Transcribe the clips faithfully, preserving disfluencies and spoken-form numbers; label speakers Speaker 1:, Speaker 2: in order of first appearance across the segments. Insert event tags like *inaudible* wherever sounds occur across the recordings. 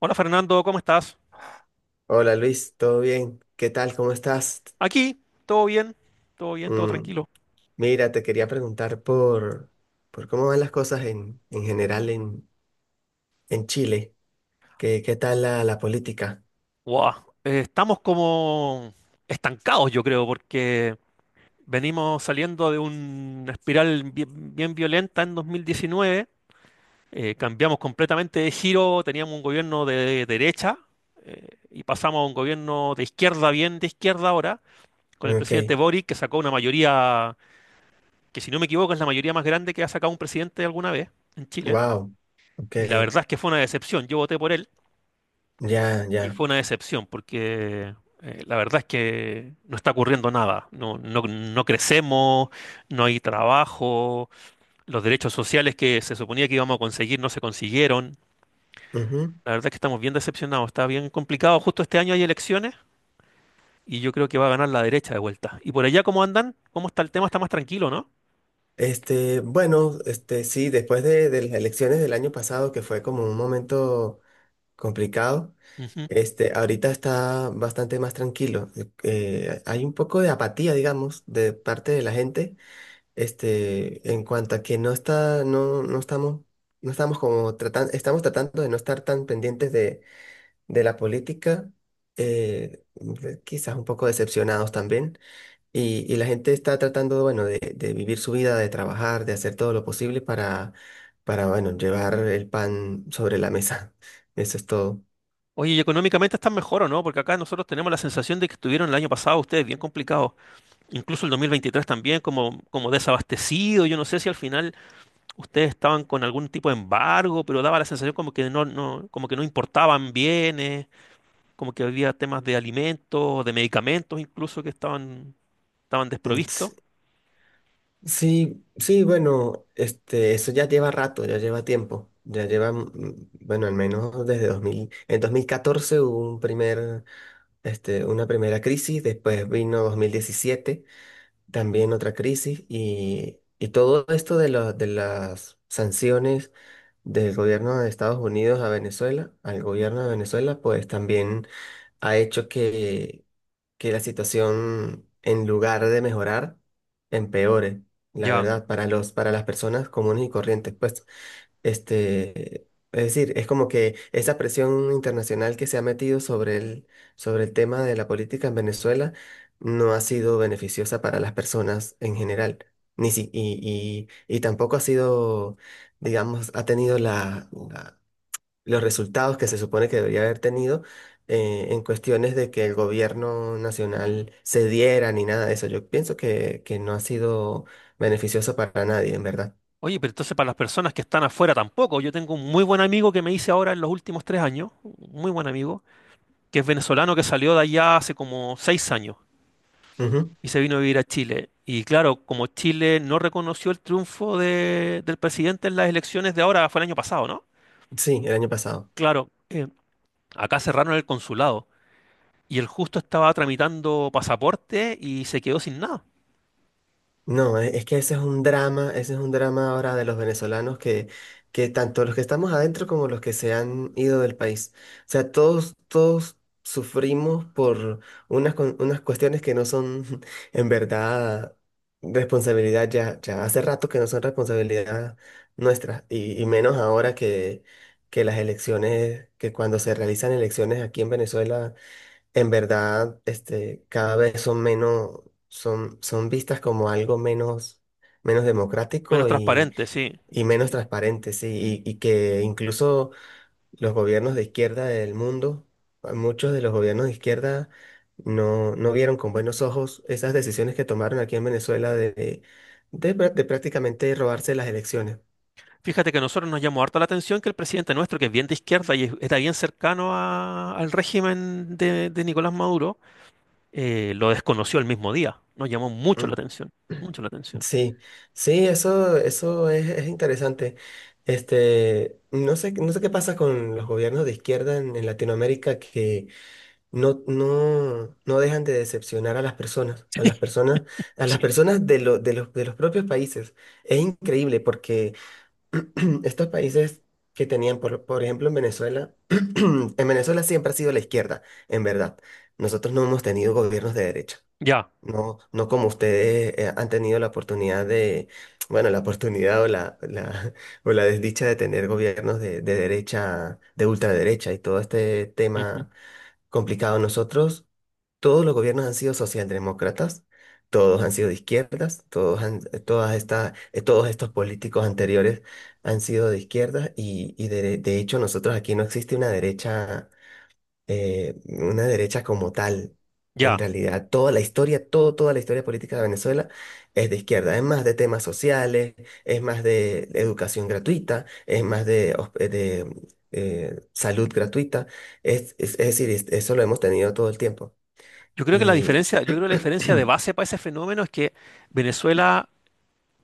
Speaker 1: Hola Fernando, ¿cómo estás?
Speaker 2: Hola Luis, ¿todo bien? ¿Qué tal? ¿Cómo estás?
Speaker 1: Aquí, todo bien, todo bien, todo
Speaker 2: Mm,
Speaker 1: tranquilo.
Speaker 2: mira, te quería preguntar por, por cómo van las cosas en, en general en, en Chile. ¿Qué, qué tal la, la política?
Speaker 1: Guau, eh, estamos como estancados, yo creo, porque venimos saliendo de una espiral bien, bien violenta en dos mil diecinueve. eh, cambiamos completamente de giro, teníamos un gobierno de derecha eh, y pasamos a un gobierno de izquierda, bien de izquierda ahora, con el presidente
Speaker 2: Ok,
Speaker 1: Boric, que sacó una mayoría, que si no me equivoco es la mayoría más grande que ha sacado un presidente alguna vez en Chile.
Speaker 2: wow, ok,
Speaker 1: Y la verdad es que fue una decepción, yo voté por él.
Speaker 2: ya,
Speaker 1: Y
Speaker 2: ya.
Speaker 1: fue una decepción porque eh, la verdad es que no está ocurriendo nada. No, no, no crecemos, no hay trabajo, los derechos sociales que se suponía que íbamos a conseguir no se consiguieron.
Speaker 2: Ujú.
Speaker 1: La verdad es que estamos bien decepcionados, está bien complicado. Justo este año hay elecciones y yo creo que va a ganar la derecha de vuelta. ¿Y por allá cómo andan? ¿Cómo está el tema? Está más tranquilo, ¿no?
Speaker 2: Este, bueno, este, sí, después de, de las elecciones del año pasado, que fue como un momento complicado,
Speaker 1: Ujú.
Speaker 2: este, ahorita está bastante más tranquilo. Eh, hay un poco de apatía, digamos, de parte de la gente. Este, en cuanto a que no está, no, no estamos, no estamos como tratando, estamos tratando de no estar tan pendientes de, de la política, eh, de- quizás un poco decepcionados también. Y, y la gente está tratando, bueno, de, de vivir su vida, de trabajar, de hacer todo lo posible para, para, bueno, llevar el pan sobre la mesa. *laughs* Eso es todo.
Speaker 1: Oye, ¿y económicamente están mejor o no? Porque acá nosotros tenemos la sensación de que estuvieron el año pasado ustedes bien complicados, incluso el dos mil veintitrés también, como, como desabastecido. Yo no sé si al final ustedes estaban con algún tipo de embargo, pero daba la sensación como que no, no, como que no importaban bienes, como que había temas de alimentos, de medicamentos incluso que estaban, estaban desprovistos.
Speaker 2: Mm, Sí, sí, bueno, este, eso ya lleva rato, ya lleva tiempo, ya lleva, mm, bueno, al menos desde dos mil, en dos mil catorce hubo un primer, este, una primera crisis, después vino dos mil diecisiete, también otra crisis, y, y todo esto de los, de las sanciones del gobierno de Estados Unidos a Venezuela, al gobierno de Venezuela, pues también ha hecho que que la situación, en lugar de mejorar, empeore, la
Speaker 1: Ya.
Speaker 2: verdad, para los, para las personas comunes y corrientes. Pues, este, es decir, es como que esa presión internacional que se ha metido sobre el, sobre el tema de la política en Venezuela no ha sido beneficiosa para las personas en general. Ni si, y, y, y tampoco ha sido, digamos, ha tenido la la- los resultados que se supone que debería haber tenido eh, en cuestiones de que el gobierno nacional cediera ni nada de eso. Yo pienso que, que no ha sido beneficioso para nadie, en verdad.
Speaker 1: Oye, pero entonces para las personas que están afuera tampoco. Yo tengo un muy buen amigo que me hice ahora en los últimos tres años, un muy buen amigo, que es venezolano que salió de allá hace como seis años
Speaker 2: Ujú.
Speaker 1: y se vino a vivir a Chile. Y claro, como Chile no reconoció el triunfo de- del presidente en las elecciones de ahora, fue el año pasado, ¿no?
Speaker 2: Sí, el año pasado.
Speaker 1: Claro, acá cerraron el consulado y el justo estaba tramitando pasaporte y se quedó sin nada.
Speaker 2: No, e- es que ese es un drama, ese es un drama ahora de los venezolanos que, que tanto los que estamos adentro como los que se han ido del país. O sea, todos, todos sufrimos por unas, cu- unas cuestiones que no son *laughs* en verdad responsabilidad ya, ya hace rato que no son responsabilidad nuestra y, y menos ahora que, que las elecciones, que cuando se realizan elecciones aquí en Venezuela en verdad, este, cada vez son menos, son, son vistas como algo menos, menos
Speaker 1: Menos
Speaker 2: democrático y,
Speaker 1: transparente, sí.
Speaker 2: y menos
Speaker 1: Sí.
Speaker 2: transparente, sí, y, y que incluso los gobiernos de izquierda del mundo, muchos de los gobiernos de izquierda no, no vieron con buenos ojos esas decisiones que tomaron aquí en Venezuela de, de, de prá- de prácticamente robarse las elecciones.
Speaker 1: Fíjate que a nosotros nos llamó harta la atención que el presidente nuestro, que es bien de izquierda y es- está bien cercano a- al régimen de, de Nicolás Maduro, eh, lo desconoció el mismo día. Nos llamó mucho la
Speaker 2: Mm.
Speaker 1: atención, mucho la atención.
Speaker 2: Sí, sí, eso, eso es, es interesante. Este, no sé, no sé qué pasa con los gobiernos de izquierda en, en Latinoamérica que no, no, no dejan de decepcionar a las personas, a las personas, a las
Speaker 1: Sí.
Speaker 2: personas de, lo- de los, de los propios países. Es increíble porque *clears throat* estos países que tenían, por, por ejemplo, en Venezuela, *clears throat* en Venezuela siempre ha sido la izquierda, en verdad. Nosotros no hemos tenido gobiernos de derecha.
Speaker 1: Ya,
Speaker 2: No, no como ustedes eh, han tenido la oportunidad de, bueno, la oportunidad o la, la- *laughs* o la desdicha de tener gobiernos de, de derecha, de ultraderecha y todo este
Speaker 1: ujú,
Speaker 2: tema complicado. Nosotros, todos los gobiernos han sido socialdemócratas, todos han sido de izquierdas, todos han, eh, todas estas, eh, todos estos políticos anteriores han sido de izquierdas y, y de, de hecho nosotros aquí no existe una derecha eh, una derecha como tal. En
Speaker 1: ya.
Speaker 2: realidad, toda la historia, todo, toda la historia política de Venezuela es de izquierda. Es más de temas sociales, es más de educación gratuita, es más de, hos- eh, de, eh, salud gratuita. Es, es, es decir, es- eso lo hemos tenido todo el tiempo.
Speaker 1: Yo creo que la
Speaker 2: Y
Speaker 1: diferencia, yo creo que la diferencia de
Speaker 2: *clears throat*
Speaker 1: base para ese fenómeno es que Venezuela,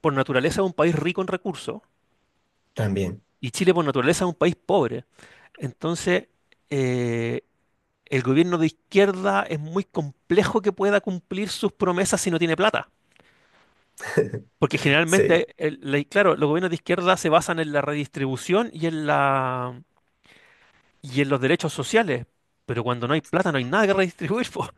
Speaker 1: por naturaleza, es un país rico en recursos.
Speaker 2: también,
Speaker 1: Y Chile por naturaleza es un país pobre. Entonces, eh, el gobierno de izquierda es muy complejo que pueda cumplir sus promesas si no tiene plata. Porque
Speaker 2: sí.
Speaker 1: generalmente, el- la- claro, los gobiernos de izquierda se basan en la redistribución y en la, y en los derechos sociales. Pero cuando no hay plata no hay nada que redistribuir, *laughs* po.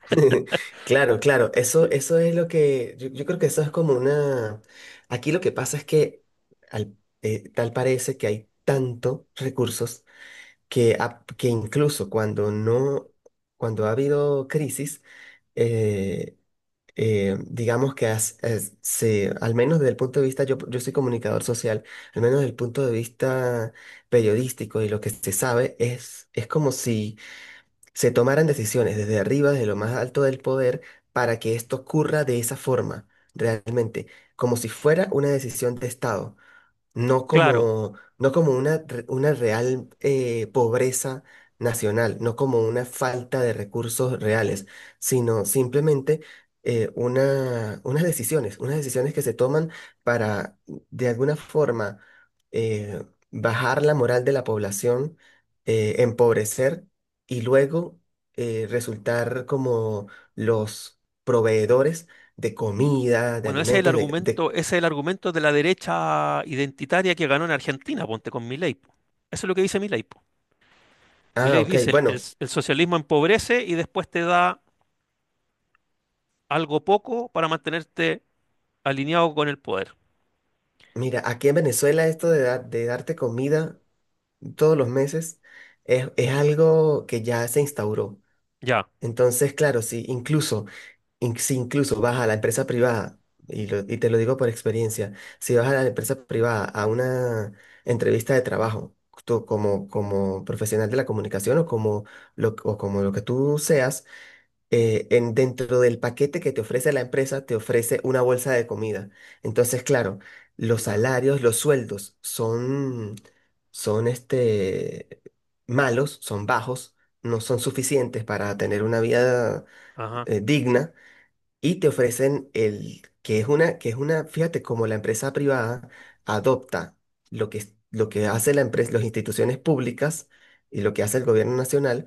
Speaker 2: *laughs* Claro, claro, eso,
Speaker 1: Sí.
Speaker 2: eso es lo que, yo, yo creo que eso es como una, aquí lo que pasa es que al- eh, tal parece que hay tantos recursos que, a- que incluso cuando no, cuando ha habido crisis, eh, eh, digamos que has- es- se, al menos desde el punto de vista, yo, yo soy comunicador social, al menos desde el punto de vista periodístico y lo que se sabe es, es como si se tomaran decisiones desde arriba, desde lo más alto del poder, para que esto ocurra de esa forma, realmente, como si fuera una decisión de Estado. No
Speaker 1: Claro.
Speaker 2: como, no como una, re- una real eh, pobreza nacional, no como una falta de recursos reales, sino simplemente eh, una, unas decisiones, unas decisiones que se toman para, de alguna forma, eh, bajar la moral de la población, eh, empobrecer y luego eh, resultar como los proveedores de comida, de
Speaker 1: Bueno, ese es el
Speaker 2: alimentos, de... de-
Speaker 1: argumento, ese es el argumento de la derecha identitaria que ganó en Argentina, ponte con Milei, po. Eso es lo que dice Milei.
Speaker 2: Ah,
Speaker 1: Milei
Speaker 2: ok,
Speaker 1: dice, el,
Speaker 2: bueno.
Speaker 1: el socialismo empobrece y después te da algo poco para mantenerte alineado con el poder.
Speaker 2: Mira, aquí en Venezuela esto de, dar- de darte comida todos los meses es, es algo que ya se instauró.
Speaker 1: Ya,
Speaker 2: Entonces, claro, si incluso, in- si incluso vas a la empresa privada, y, lo- y te lo digo por experiencia, si vas a la empresa privada a una entrevista de trabajo, tú como, como profesional de la comunicación o como lo, o como lo que tú seas, eh, en, dentro del paquete que te ofrece la empresa, te ofrece una bolsa de comida. Entonces, claro, los
Speaker 1: claro.
Speaker 2: salarios, los sueldos son, son este, malos, son bajos, no son suficientes para tener una vida
Speaker 1: Ajá.
Speaker 2: eh, digna y te ofrecen el, que es una, que es una, fíjate, como la empresa privada adopta lo que, es- lo que hace la empresa, las instituciones públicas y lo que hace el gobierno nacional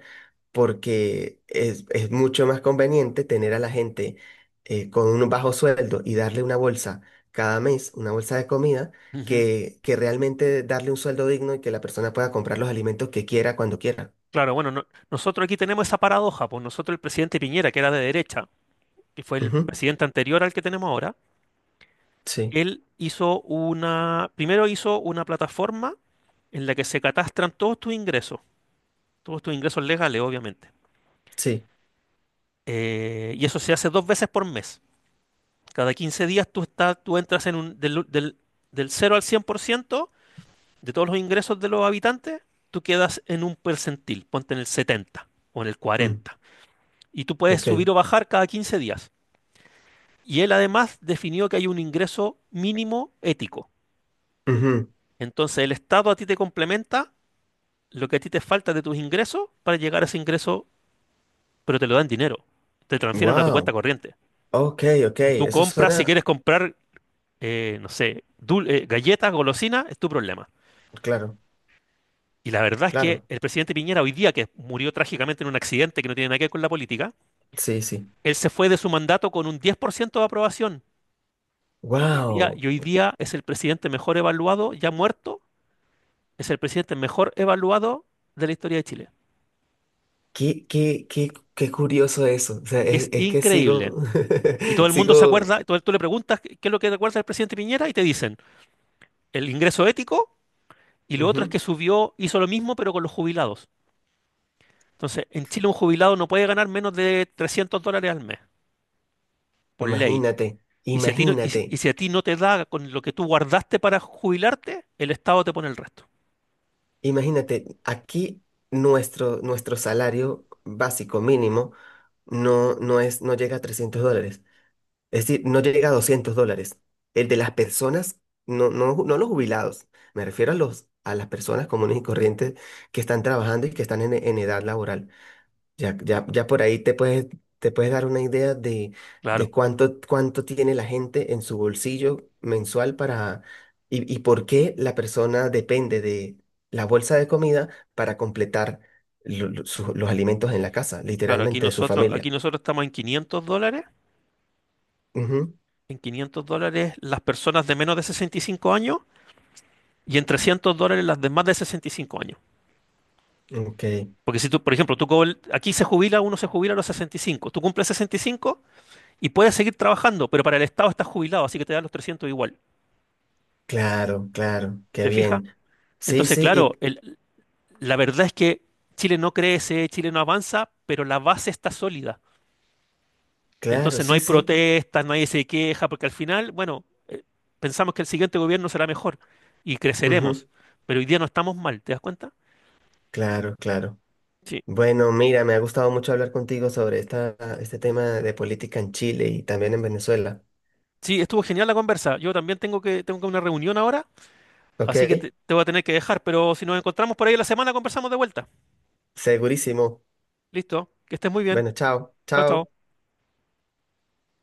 Speaker 2: porque es, es mucho más conveniente tener a la gente eh, con un bajo sueldo y darle una bolsa cada mes, una bolsa de comida,
Speaker 1: Ujú.
Speaker 2: que, que realmente darle un sueldo digno y que la persona pueda comprar los alimentos que quiera cuando quiera.
Speaker 1: Claro, bueno, no- nosotros aquí tenemos esa paradoja, pues nosotros el presidente Piñera, que era de derecha, que fue el
Speaker 2: Ujú,
Speaker 1: presidente anterior al que tenemos ahora,
Speaker 2: sí,
Speaker 1: él hizo una, primero hizo una plataforma en la que se catastran todos tus ingresos, todos tus ingresos legales, obviamente.
Speaker 2: sí.
Speaker 1: Eh, y eso se hace dos veces por mes. Cada quince días tú, estás, tú entras en un, del, del, del cero al cien por ciento de todos los ingresos de los habitantes, tú quedas en un percentil, ponte en el setenta o en el
Speaker 2: Mm,
Speaker 1: cuarenta. Y tú puedes
Speaker 2: ok.
Speaker 1: subir o bajar cada quince días. Y él además definió que hay un ingreso mínimo ético. Entonces el Estado a ti te complementa lo que a ti te falta de tus ingresos para llegar a ese ingreso, pero te lo dan dinero. Te transfieren a tu cuenta
Speaker 2: Wow.
Speaker 1: corriente.
Speaker 2: Ok, ok.
Speaker 1: Y tú
Speaker 2: Eso
Speaker 1: compras, si
Speaker 2: suena.
Speaker 1: quieres comprar, eh, no sé, dul- eh, galletas, golosinas, es tu problema.
Speaker 2: Claro,
Speaker 1: Y la verdad es que
Speaker 2: claro.
Speaker 1: el presidente Piñera hoy día, que murió trágicamente en un accidente que no tiene nada que ver con la política,
Speaker 2: Sí, sí.
Speaker 1: él se fue de su mandato con un diez por ciento de aprobación. Hoy día-
Speaker 2: Wow.
Speaker 1: y hoy día es el presidente mejor evaluado, ya muerto, es el presidente mejor evaluado de la historia de Chile.
Speaker 2: Qué, qué, qué, qué curioso eso. O sea, es,
Speaker 1: Es
Speaker 2: es que
Speaker 1: increíble.
Speaker 2: sigo,
Speaker 1: Y todo
Speaker 2: *laughs*
Speaker 1: el mundo se
Speaker 2: sigo.
Speaker 1: acuerda, todo, tú le preguntas qué qué es lo que recuerda el presidente Piñera y te dicen el ingreso ético y lo otro es
Speaker 2: Ujú.
Speaker 1: que subió, hizo lo mismo pero con los jubilados. Entonces, en Chile un jubilado no puede ganar menos de trescientos dólares al mes, por ley.
Speaker 2: Imagínate,
Speaker 1: Y si a ti no, y si-
Speaker 2: imagínate,
Speaker 1: y si a ti no te da con lo que tú guardaste para jubilarte, el Estado te pone el resto.
Speaker 2: imagínate, aquí nuestro, nuestro salario básico mínimo no, no es, no llega a trescientos dólares, es decir, no llega a doscientos dólares. El de las personas, no, no, no los jubilados, me refiero a los, a las personas comunes y corrientes que están trabajando y que están en, en edad laboral. Ya, ya, ya por ahí te puedes, te puedes dar una idea de,
Speaker 1: Claro,
Speaker 2: de cuánto, cuánto tiene la gente en su bolsillo mensual para, y, y por qué la persona depende de la bolsa de comida para completar lo- lo- su- los alimentos en la casa,
Speaker 1: claro, aquí
Speaker 2: literalmente, de su
Speaker 1: nosotros,
Speaker 2: familia.
Speaker 1: aquí nosotros estamos en quinientos dólares, en quinientos dólares las personas de menos de sesenta y cinco años y en trescientos dólares las de más de sesenta y cinco años.
Speaker 2: Ujú, ok,
Speaker 1: Porque si tú, por ejemplo, tú cobr- aquí se jubila, uno se jubila a los sesenta y cinco, tú cumples sesenta y cinco y cinco y puedes seguir trabajando, pero para el Estado estás jubilado, así que te dan los trescientos igual.
Speaker 2: claro, claro, qué
Speaker 1: ¿Te fijas?
Speaker 2: bien. Sí,
Speaker 1: Entonces,
Speaker 2: sí, y
Speaker 1: claro, el- la verdad es que Chile no crece, Chile no avanza, pero la base está sólida.
Speaker 2: claro,
Speaker 1: Entonces no
Speaker 2: sí,
Speaker 1: hay
Speaker 2: sí.
Speaker 1: protestas, nadie se queja, porque al final, bueno, eh, pensamos que el siguiente gobierno será mejor y creceremos,
Speaker 2: Ujú,
Speaker 1: pero hoy día no estamos mal, ¿te das cuenta?
Speaker 2: claro, claro.
Speaker 1: Sí.
Speaker 2: Bueno, mira, me ha gustado mucho hablar contigo sobre esta, este tema de política en Chile y también en Venezuela.
Speaker 1: Sí, estuvo genial la conversa. Yo también tengo que tengo que una reunión ahora,
Speaker 2: ¿Ok?
Speaker 1: así que te, te voy a tener que dejar, pero si nos encontramos por ahí la semana conversamos de vuelta.
Speaker 2: Segurísimo.
Speaker 1: Listo, que estés muy bien.
Speaker 2: Bueno, chao,
Speaker 1: Chao, chao.
Speaker 2: chao.